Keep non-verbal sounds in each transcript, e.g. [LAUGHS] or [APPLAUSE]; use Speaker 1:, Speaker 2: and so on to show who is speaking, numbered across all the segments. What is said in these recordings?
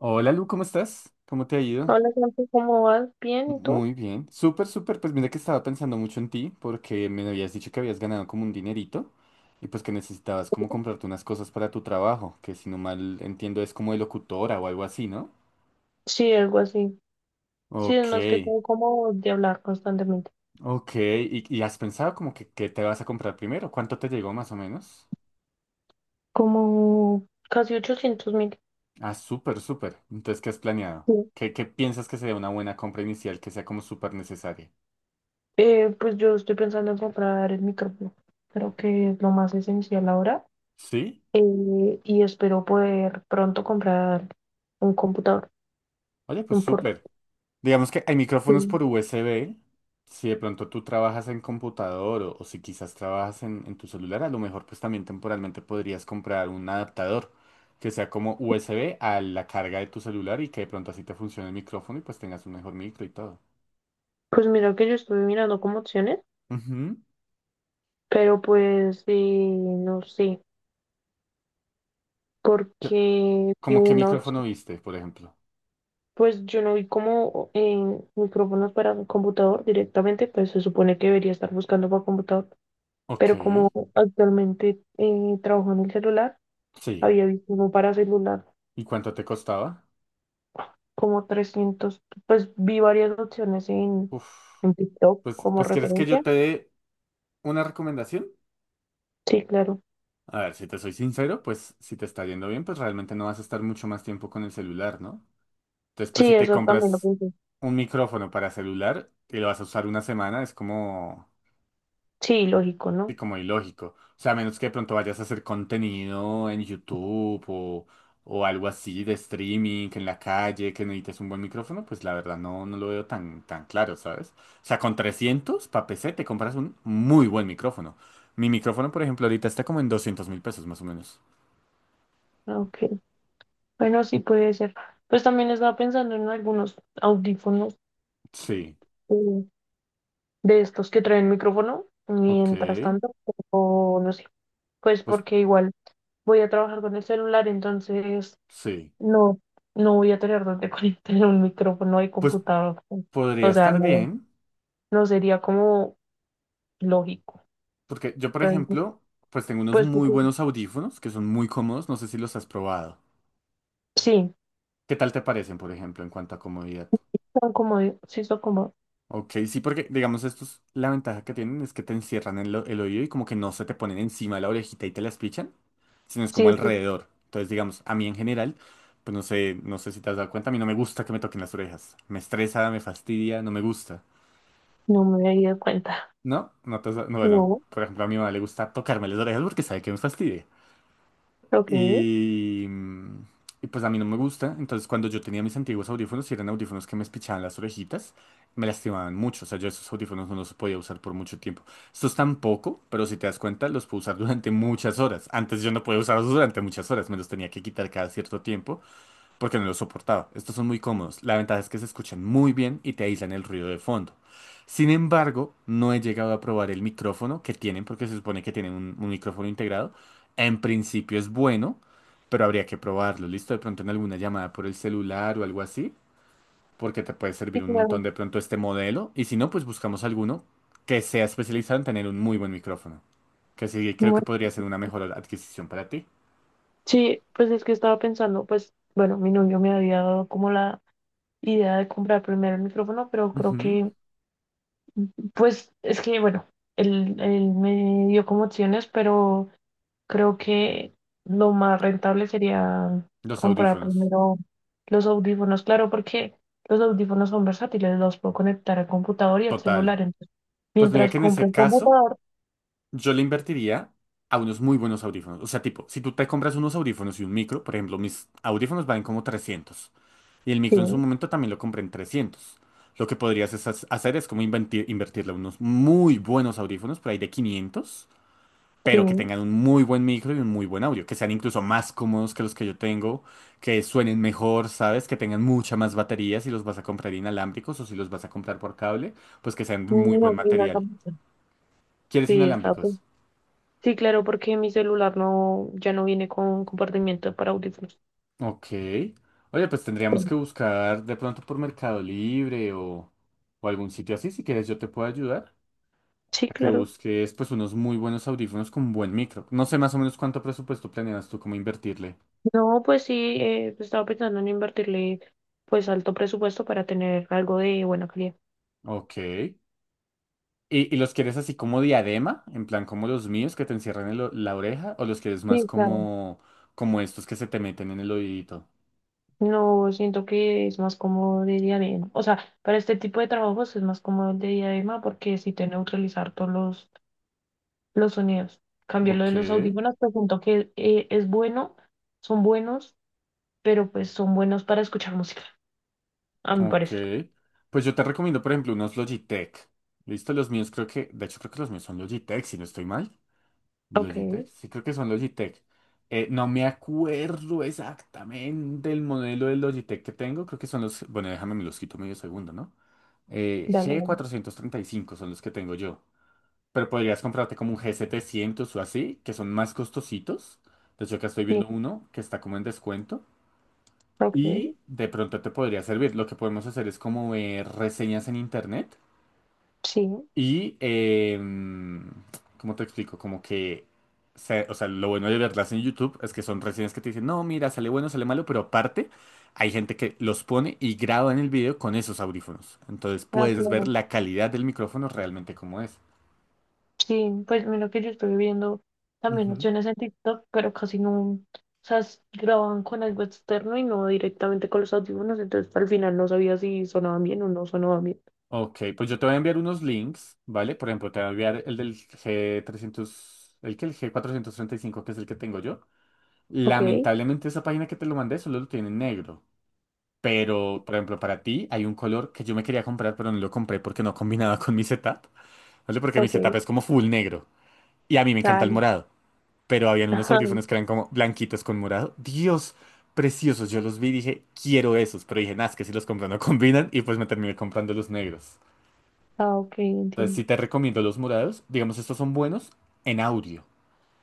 Speaker 1: Hola Lu, ¿cómo estás? ¿Cómo te ha ido?
Speaker 2: Hola, Santi, ¿cómo vas? ¿Bien? ¿Y tú?
Speaker 1: Muy bien. Súper, súper. Pues mira que estaba pensando mucho en ti porque me habías dicho que habías ganado como un dinerito y pues que necesitabas como comprarte unas cosas para tu trabajo, que si no mal entiendo es como de locutora o algo así, ¿no?
Speaker 2: Sí, algo así. Sí, es
Speaker 1: Ok,
Speaker 2: más que todo como de hablar constantemente.
Speaker 1: ok. ¿Y has pensado como que qué te vas a comprar primero? ¿Cuánto te llegó más o menos?
Speaker 2: Como casi 800.000.
Speaker 1: Ah, súper, súper. Entonces, ¿qué has planeado?
Speaker 2: Sí.
Speaker 1: ¿Qué piensas que sería una buena compra inicial que sea como súper necesaria?
Speaker 2: Pues yo estoy pensando en comprar el micrófono. Creo que es lo más esencial ahora.
Speaker 1: ¿Sí?
Speaker 2: Y espero poder pronto comprar un computador,
Speaker 1: Oye, pues
Speaker 2: un
Speaker 1: súper. Digamos que hay micrófonos
Speaker 2: portátil.
Speaker 1: por USB. Si de pronto tú trabajas en computador o si quizás trabajas en tu celular, a lo mejor pues también temporalmente podrías comprar un adaptador que sea como USB a la carga de tu celular y que de pronto así te funcione el micrófono y pues tengas un mejor micro y todo.
Speaker 2: Pues mira que yo estuve mirando como opciones,
Speaker 1: Ujú.
Speaker 2: pero pues, no sé,
Speaker 1: ¿Qué-
Speaker 2: porque vi
Speaker 1: ¿Cómo qué
Speaker 2: una
Speaker 1: micrófono
Speaker 2: opción.
Speaker 1: viste, por ejemplo?
Speaker 2: Pues yo no vi como micrófonos para un computador directamente, pues se supone que debería estar buscando para computador,
Speaker 1: Ok,
Speaker 2: pero como actualmente trabajo en el celular,
Speaker 1: sí.
Speaker 2: había visto uno para celular
Speaker 1: ¿Y cuánto te costaba?
Speaker 2: como 300. Pues vi varias opciones en,
Speaker 1: Uf.
Speaker 2: en TikTok
Speaker 1: Pues,
Speaker 2: como
Speaker 1: pues ¿quieres que yo
Speaker 2: referencia.
Speaker 1: te dé una recomendación?
Speaker 2: Sí, claro.
Speaker 1: A ver, si te soy sincero, pues si te está yendo bien, pues realmente no vas a estar mucho más tiempo con el celular, ¿no? Entonces, pues si
Speaker 2: Sí,
Speaker 1: te
Speaker 2: eso también lo
Speaker 1: compras
Speaker 2: pensé.
Speaker 1: un micrófono para celular y lo vas a usar una semana, es como,
Speaker 2: Sí, lógico,
Speaker 1: sí,
Speaker 2: ¿no?
Speaker 1: como ilógico. O sea, a menos que de pronto vayas a hacer contenido en YouTube o algo así de streaming en la calle, que necesites un buen micrófono, pues la verdad no, no lo veo tan, tan claro, ¿sabes? O sea, con 300 pa' PC te compras un muy buen micrófono. Mi micrófono, por ejemplo, ahorita está como en 200.000 pesos más o menos.
Speaker 2: Ah, ok, bueno, sí puede ser. Pues también estaba pensando en algunos audífonos,
Speaker 1: Sí.
Speaker 2: eh, de estos que traen micrófono.
Speaker 1: Ok,
Speaker 2: Mientras tanto, o no sé, pues
Speaker 1: pues
Speaker 2: porque igual voy a trabajar con el celular, entonces
Speaker 1: sí,
Speaker 2: no, no voy a tener donde [LAUGHS] conectar un micrófono y
Speaker 1: pues
Speaker 2: computador.
Speaker 1: podría
Speaker 2: O sea,
Speaker 1: estar
Speaker 2: no,
Speaker 1: bien,
Speaker 2: no sería como lógico.
Speaker 1: porque yo, por
Speaker 2: Entonces,
Speaker 1: ejemplo, pues tengo unos
Speaker 2: pues
Speaker 1: muy
Speaker 2: porque
Speaker 1: buenos audífonos que son muy cómodos, no sé si los has probado.
Speaker 2: sí,
Speaker 1: ¿Qué tal te parecen, por ejemplo, en cuanto a comodidad?
Speaker 2: son como, sí son como,
Speaker 1: Ok, sí, porque digamos estos, la ventaja que tienen es que te encierran el oído y como que no se te ponen encima de la orejita y te las pichan, sino es como
Speaker 2: sí, esto-
Speaker 1: alrededor. Entonces, digamos, a mí en general, pues no sé si te has dado cuenta, a mí no me gusta que me toquen las orejas. Me estresa, me fastidia, no me gusta.
Speaker 2: no me había dado cuenta.
Speaker 1: No, no, no, bueno,
Speaker 2: No,
Speaker 1: por ejemplo, a mi mamá le gusta tocarme las orejas porque sabe que me fastidia.
Speaker 2: ok.
Speaker 1: Y, mm, y pues a mí no me gusta. Entonces, cuando yo tenía mis antiguos audífonos, y eran audífonos que me espichaban las orejitas, me lastimaban mucho. O sea, yo esos audífonos no los podía usar por mucho tiempo. Estos tampoco, pero si te das cuenta, los puedo usar durante muchas horas. Antes yo no podía usarlos durante muchas horas, me los tenía que quitar cada cierto tiempo porque no lo soportaba. Estos son muy cómodos. La ventaja es que se escuchan muy bien y te aíslan el ruido de fondo. Sin embargo, no he llegado a probar el micrófono que tienen, porque se supone que tienen un micrófono integrado. En principio es bueno, pero habría que probarlo. ¿Listo? De pronto en alguna llamada por el celular o algo así, porque te puede
Speaker 2: Sí,
Speaker 1: servir un
Speaker 2: claro.
Speaker 1: montón de pronto este modelo. Y si no, pues buscamos alguno que sea especializado en tener un muy buen micrófono. Que sí, creo
Speaker 2: Bueno,
Speaker 1: que podría ser una mejor adquisición para ti.
Speaker 2: sí, pues es que estaba pensando, pues, bueno, mi novio me había dado como la idea de comprar primero el micrófono, pero creo
Speaker 1: Ujú.
Speaker 2: que, pues, es que, bueno, él me dio como opciones, pero creo que lo más rentable sería
Speaker 1: Los
Speaker 2: comprar
Speaker 1: audífonos.
Speaker 2: primero los audífonos, claro, porque los audífonos son versátiles, los puedo conectar al computador y al
Speaker 1: Total.
Speaker 2: celular, entonces,
Speaker 1: Pues mira
Speaker 2: mientras
Speaker 1: que en
Speaker 2: compro
Speaker 1: ese
Speaker 2: el
Speaker 1: caso
Speaker 2: computador,
Speaker 1: yo le invertiría a unos muy buenos audífonos. O sea, tipo, si tú te compras unos audífonos y un micro, por ejemplo, mis audífonos valen como 300 y el
Speaker 2: sí,
Speaker 1: micro en su momento también lo compré en trescientos. Lo que podrías es hacer es como invertirle a unos muy buenos audífonos, por ahí de 500 pero que
Speaker 2: sí,
Speaker 1: tengan un muy buen micro y un muy buen audio, que sean incluso más cómodos que los que yo tengo, que suenen mejor, ¿sabes? Que tengan mucha más batería si los vas a comprar inalámbricos o si los vas a comprar por cable, pues que sean de muy
Speaker 2: no,
Speaker 1: buen
Speaker 2: y una
Speaker 1: material.
Speaker 2: computadora.
Speaker 1: ¿Quieres
Speaker 2: Sí, está
Speaker 1: inalámbricos?
Speaker 2: bien. Sí, claro, porque mi celular no, ya no viene con compartimiento para audífonos.
Speaker 1: Ok. Oye, pues tendríamos que buscar de pronto por Mercado Libre o algún sitio así. Si quieres, yo te puedo ayudar
Speaker 2: Sí,
Speaker 1: a que
Speaker 2: claro.
Speaker 1: busques pues unos muy buenos audífonos con buen micro. No sé más o menos cuánto presupuesto planeas tú cómo invertirle.
Speaker 2: No, pues sí, pues, estaba pensando en invertirle pues alto presupuesto para tener algo de buena calidad.
Speaker 1: Ok. ¿Y los quieres así como diadema? En plan como los míos que te encierran en la oreja. ¿O los quieres más
Speaker 2: Sí, claro.
Speaker 1: como, como estos que se te meten en el oídito?
Speaker 2: No, siento que es más cómodo de diadema. O sea, para este tipo de trabajos es más cómodo el de diadema porque si te neutralizar todos los sonidos. Cambio lo de
Speaker 1: Ok.
Speaker 2: los audífonos, pues siento que es bueno, son buenos, pero pues son buenos para escuchar música, a mi
Speaker 1: Ok.
Speaker 2: parecer.
Speaker 1: Pues yo te recomiendo, por ejemplo, unos Logitech. ¿Listo? Los míos creo que, de hecho creo que los míos son Logitech, si no estoy mal.
Speaker 2: Ok,
Speaker 1: Logitech, sí creo que son Logitech. No me acuerdo exactamente el modelo de Logitech que tengo. Creo que son los, bueno, déjame, me los quito medio segundo, ¿no?
Speaker 2: dale,
Speaker 1: G
Speaker 2: dale.
Speaker 1: cuatrocientos treinta y cinco, son los que tengo yo. Pero podrías comprarte como un G700 o así, que son más costositos. De hecho, acá estoy
Speaker 2: Sí,
Speaker 1: viendo uno que está como en descuento.
Speaker 2: ok,
Speaker 1: Y de pronto te podría servir. Lo que podemos hacer es como ver reseñas en internet
Speaker 2: sí,
Speaker 1: y, ¿cómo te explico? Como que, o sea, lo bueno de verlas en YouTube es que son reseñas que te dicen, no, mira, sale bueno, sale malo, pero aparte hay gente que los pone y graba en el video con esos audífonos. Entonces
Speaker 2: ah,
Speaker 1: puedes ver
Speaker 2: claro.
Speaker 1: la calidad del micrófono realmente como es.
Speaker 2: Sí, pues mira que yo estoy viendo también
Speaker 1: Ujú.
Speaker 2: opciones en TikTok, pero casi no, o sea, grababan con algo externo y no directamente con los audífonos, entonces al final no sabía si sonaban bien o no sonaban bien.
Speaker 1: Ok, pues yo te voy a enviar unos links, ¿vale? Por ejemplo, te voy a enviar el del G300 el que el G435 que es el que tengo yo.
Speaker 2: Ok,
Speaker 1: Lamentablemente esa página que te lo mandé solo lo tiene en negro. Pero, por ejemplo, para ti hay un color que yo me quería comprar, pero no lo compré porque no combinaba [LAUGHS] con mi setup. No sé, porque mi
Speaker 2: ok,
Speaker 1: setup es como full negro. Y a mí me encanta el
Speaker 2: dale.
Speaker 1: morado. Pero habían unos
Speaker 2: Ajá.
Speaker 1: audífonos que eran como blanquitos con morado. Dios, preciosos. Yo los vi y dije, quiero esos. Pero dije, nah, es que si los compro no [LAUGHS] combinan. Y pues me terminé comprando los negros.
Speaker 2: Ah, ok,
Speaker 1: Entonces sí
Speaker 2: entiendo.
Speaker 1: te recomiendo los morados. Digamos, estos son buenos en audio.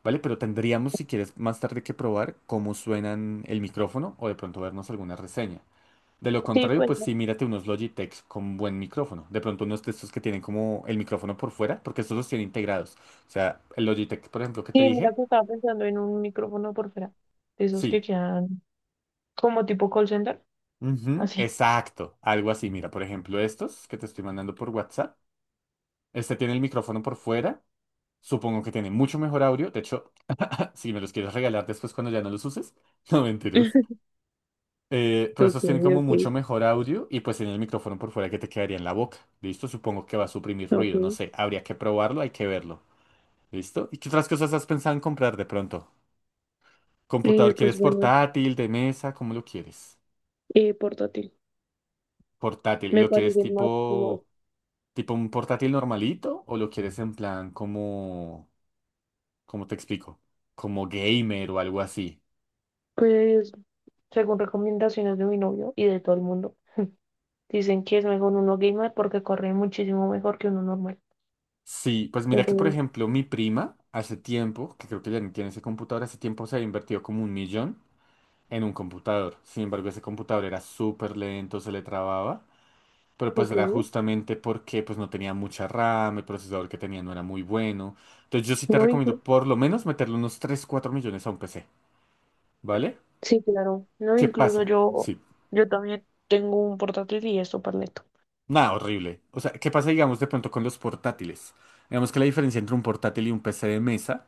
Speaker 1: ¿Vale? Pero tendríamos, si quieres, más tarde que probar cómo suenan el micrófono o de pronto vernos alguna reseña. De lo
Speaker 2: Sí,
Speaker 1: contrario,
Speaker 2: pues
Speaker 1: pues
Speaker 2: ya.
Speaker 1: sí, mírate unos Logitech con buen micrófono. De pronto unos de estos que tienen como el micrófono por fuera, porque estos los tiene integrados. O sea, el Logitech, por ejemplo, que te
Speaker 2: Sí, mira
Speaker 1: dije,
Speaker 2: que estaba pensando en un micrófono por fuera, de esos que
Speaker 1: sí.
Speaker 2: quedan como tipo call center,
Speaker 1: Ujú,
Speaker 2: así.
Speaker 1: exacto, algo así. Mira, por ejemplo, estos que te estoy mandando por WhatsApp. Este tiene el micrófono por fuera. Supongo que tiene mucho mejor audio. De hecho, [LAUGHS] si me los quieres regalar después cuando ya no los uses. [LAUGHS] No, mentiras.
Speaker 2: [LAUGHS]
Speaker 1: Pero
Speaker 2: Ok,
Speaker 1: esos tienen como
Speaker 2: ok,
Speaker 1: mucho mejor audio y pues tienen el micrófono por fuera que te quedaría en la boca. ¿Listo? Supongo que va a suprimir
Speaker 2: ok.
Speaker 1: ruido, no sé. Habría que probarlo, hay que verlo. ¿Listo? ¿Y qué otras cosas has pensado en comprar de pronto?
Speaker 2: Eh,
Speaker 1: ¿Computador
Speaker 2: pues
Speaker 1: quieres
Speaker 2: bueno,
Speaker 1: portátil, de mesa? ¿Cómo lo quieres?
Speaker 2: portátil.
Speaker 1: Portátil. ¿Y
Speaker 2: Me
Speaker 1: lo quieres
Speaker 2: parecen más cómodos.
Speaker 1: tipo un portátil normalito? ¿O lo quieres en plan como, ¿cómo te explico? Como gamer o algo así.
Speaker 2: Pues según recomendaciones de mi novio y de todo el mundo, dicen que es mejor uno gamer porque corre muchísimo mejor que uno normal.
Speaker 1: Sí, pues mira que por
Speaker 2: Entonces,
Speaker 1: ejemplo mi prima hace tiempo, que creo que ya ni tiene ese computador, hace tiempo se ha invertido como 1 millón en un computador. Sin embargo, ese computador era súper lento, se le trababa, pero
Speaker 2: lo
Speaker 1: pues
Speaker 2: que
Speaker 1: era
Speaker 2: vi,
Speaker 1: justamente porque pues no tenía mucha RAM, el procesador que tenía no era muy bueno. Entonces yo sí te
Speaker 2: no
Speaker 1: recomiendo
Speaker 2: inclu-
Speaker 1: por lo menos meterle unos 3 4 millones a un PC, ¿vale?
Speaker 2: sí, claro, no
Speaker 1: ¿Qué
Speaker 2: incluso
Speaker 1: pasa?
Speaker 2: yo,
Speaker 1: Sí.
Speaker 2: también tengo un portátil y esto para neto.
Speaker 1: Nada, horrible. O sea, ¿qué pasa, digamos, de pronto con los portátiles? Digamos que la diferencia entre un portátil y un PC de mesa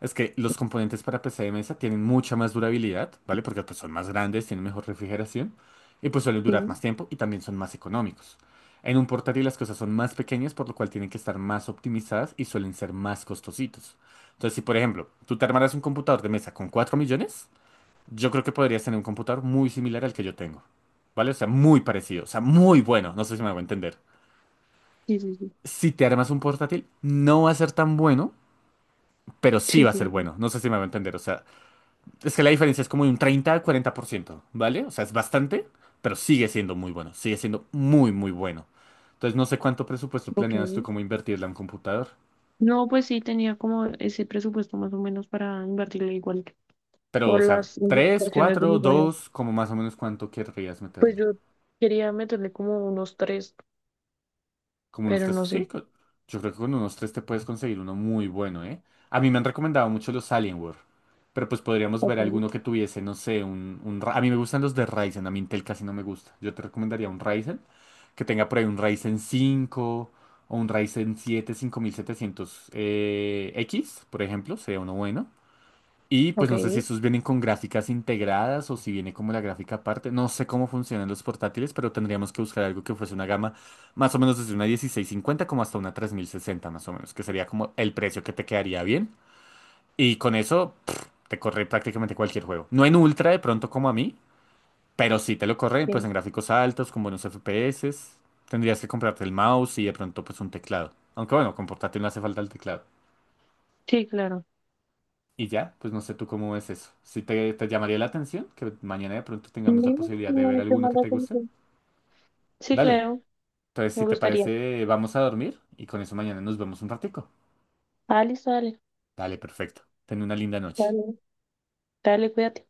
Speaker 1: es que los componentes para PC de mesa tienen mucha más durabilidad, ¿vale? Porque pues, son más grandes, tienen mejor refrigeración y pues suelen durar
Speaker 2: Sí,
Speaker 1: más tiempo y también son más económicos. En un portátil las cosas son más pequeñas, por lo cual tienen que estar más optimizadas y suelen ser más costositos. Entonces, si por ejemplo, tú te armaras un computador de mesa con 4 millones, yo creo que podrías tener un computador muy similar al que yo tengo, ¿vale? O sea, muy parecido, o sea, muy bueno, no sé si me hago entender.
Speaker 2: sí, sí, sí.
Speaker 1: Si te armas un portátil, no va a ser tan bueno, pero sí
Speaker 2: Sí,
Speaker 1: va a ser
Speaker 2: claro.
Speaker 1: bueno, no sé si me hago entender, o sea, es que la diferencia es como de un 30 al 40%, ¿vale? O sea, es bastante, pero sigue siendo muy bueno, sigue siendo muy, muy bueno. Entonces, no sé cuánto presupuesto
Speaker 2: Ok.
Speaker 1: planeas tú como invertirle a un computador,
Speaker 2: No, pues sí tenía como ese presupuesto más o menos para invertirle igual que
Speaker 1: pero,
Speaker 2: por
Speaker 1: o sea,
Speaker 2: las
Speaker 1: 3,
Speaker 2: indicaciones de
Speaker 1: 4,
Speaker 2: mi novio.
Speaker 1: 2, como más o menos cuánto querrías
Speaker 2: Pues
Speaker 1: meterle.
Speaker 2: yo quería meterle como unos tres,
Speaker 1: Como unos
Speaker 2: pero
Speaker 1: tres,
Speaker 2: no
Speaker 1: sí,
Speaker 2: sé.
Speaker 1: yo creo que con unos tres te puedes conseguir uno muy bueno, ¿eh? A mí me han recomendado mucho los Alienware, pero pues podríamos ver
Speaker 2: Ok,
Speaker 1: alguno que tuviese, no sé, un... A mí me gustan los de Ryzen, a mí Intel casi no me gusta. Yo te recomendaría un Ryzen, que tenga por ahí un Ryzen 5 o un Ryzen 7 5700 x por ejemplo, sería uno bueno. Y pues no sé si
Speaker 2: ok.
Speaker 1: estos vienen con gráficas integradas o si viene como la gráfica aparte. No sé cómo funcionan los portátiles, pero tendríamos que buscar algo que fuese una gama más o menos desde una 1650 como hasta una 3060 más o menos, que sería como el precio que te quedaría bien. Y con eso pff, te corre prácticamente cualquier juego. No en ultra de pronto como a mí, pero sí te lo corre pues
Speaker 2: Sí.
Speaker 1: en gráficos altos, con buenos FPS. Tendrías que comprarte el mouse y de pronto pues un teclado. Aunque bueno, con portátil no hace falta el teclado.
Speaker 2: Sí, claro.
Speaker 1: Y ya, pues no sé tú cómo ves eso. Si te llamaría la atención, que mañana de pronto tengamos la
Speaker 2: Dime,
Speaker 1: posibilidad de ver
Speaker 2: dime, ¿qué
Speaker 1: alguno
Speaker 2: más
Speaker 1: que
Speaker 2: da
Speaker 1: te guste.
Speaker 2: contigo? Sí,
Speaker 1: Dale.
Speaker 2: claro,
Speaker 1: Entonces,
Speaker 2: me
Speaker 1: si te
Speaker 2: gustaría.
Speaker 1: parece, vamos a dormir y con eso mañana nos vemos un ratico.
Speaker 2: Ah, listo, dale,
Speaker 1: Dale, perfecto. Ten una linda noche.
Speaker 2: dale, dale, cuídate.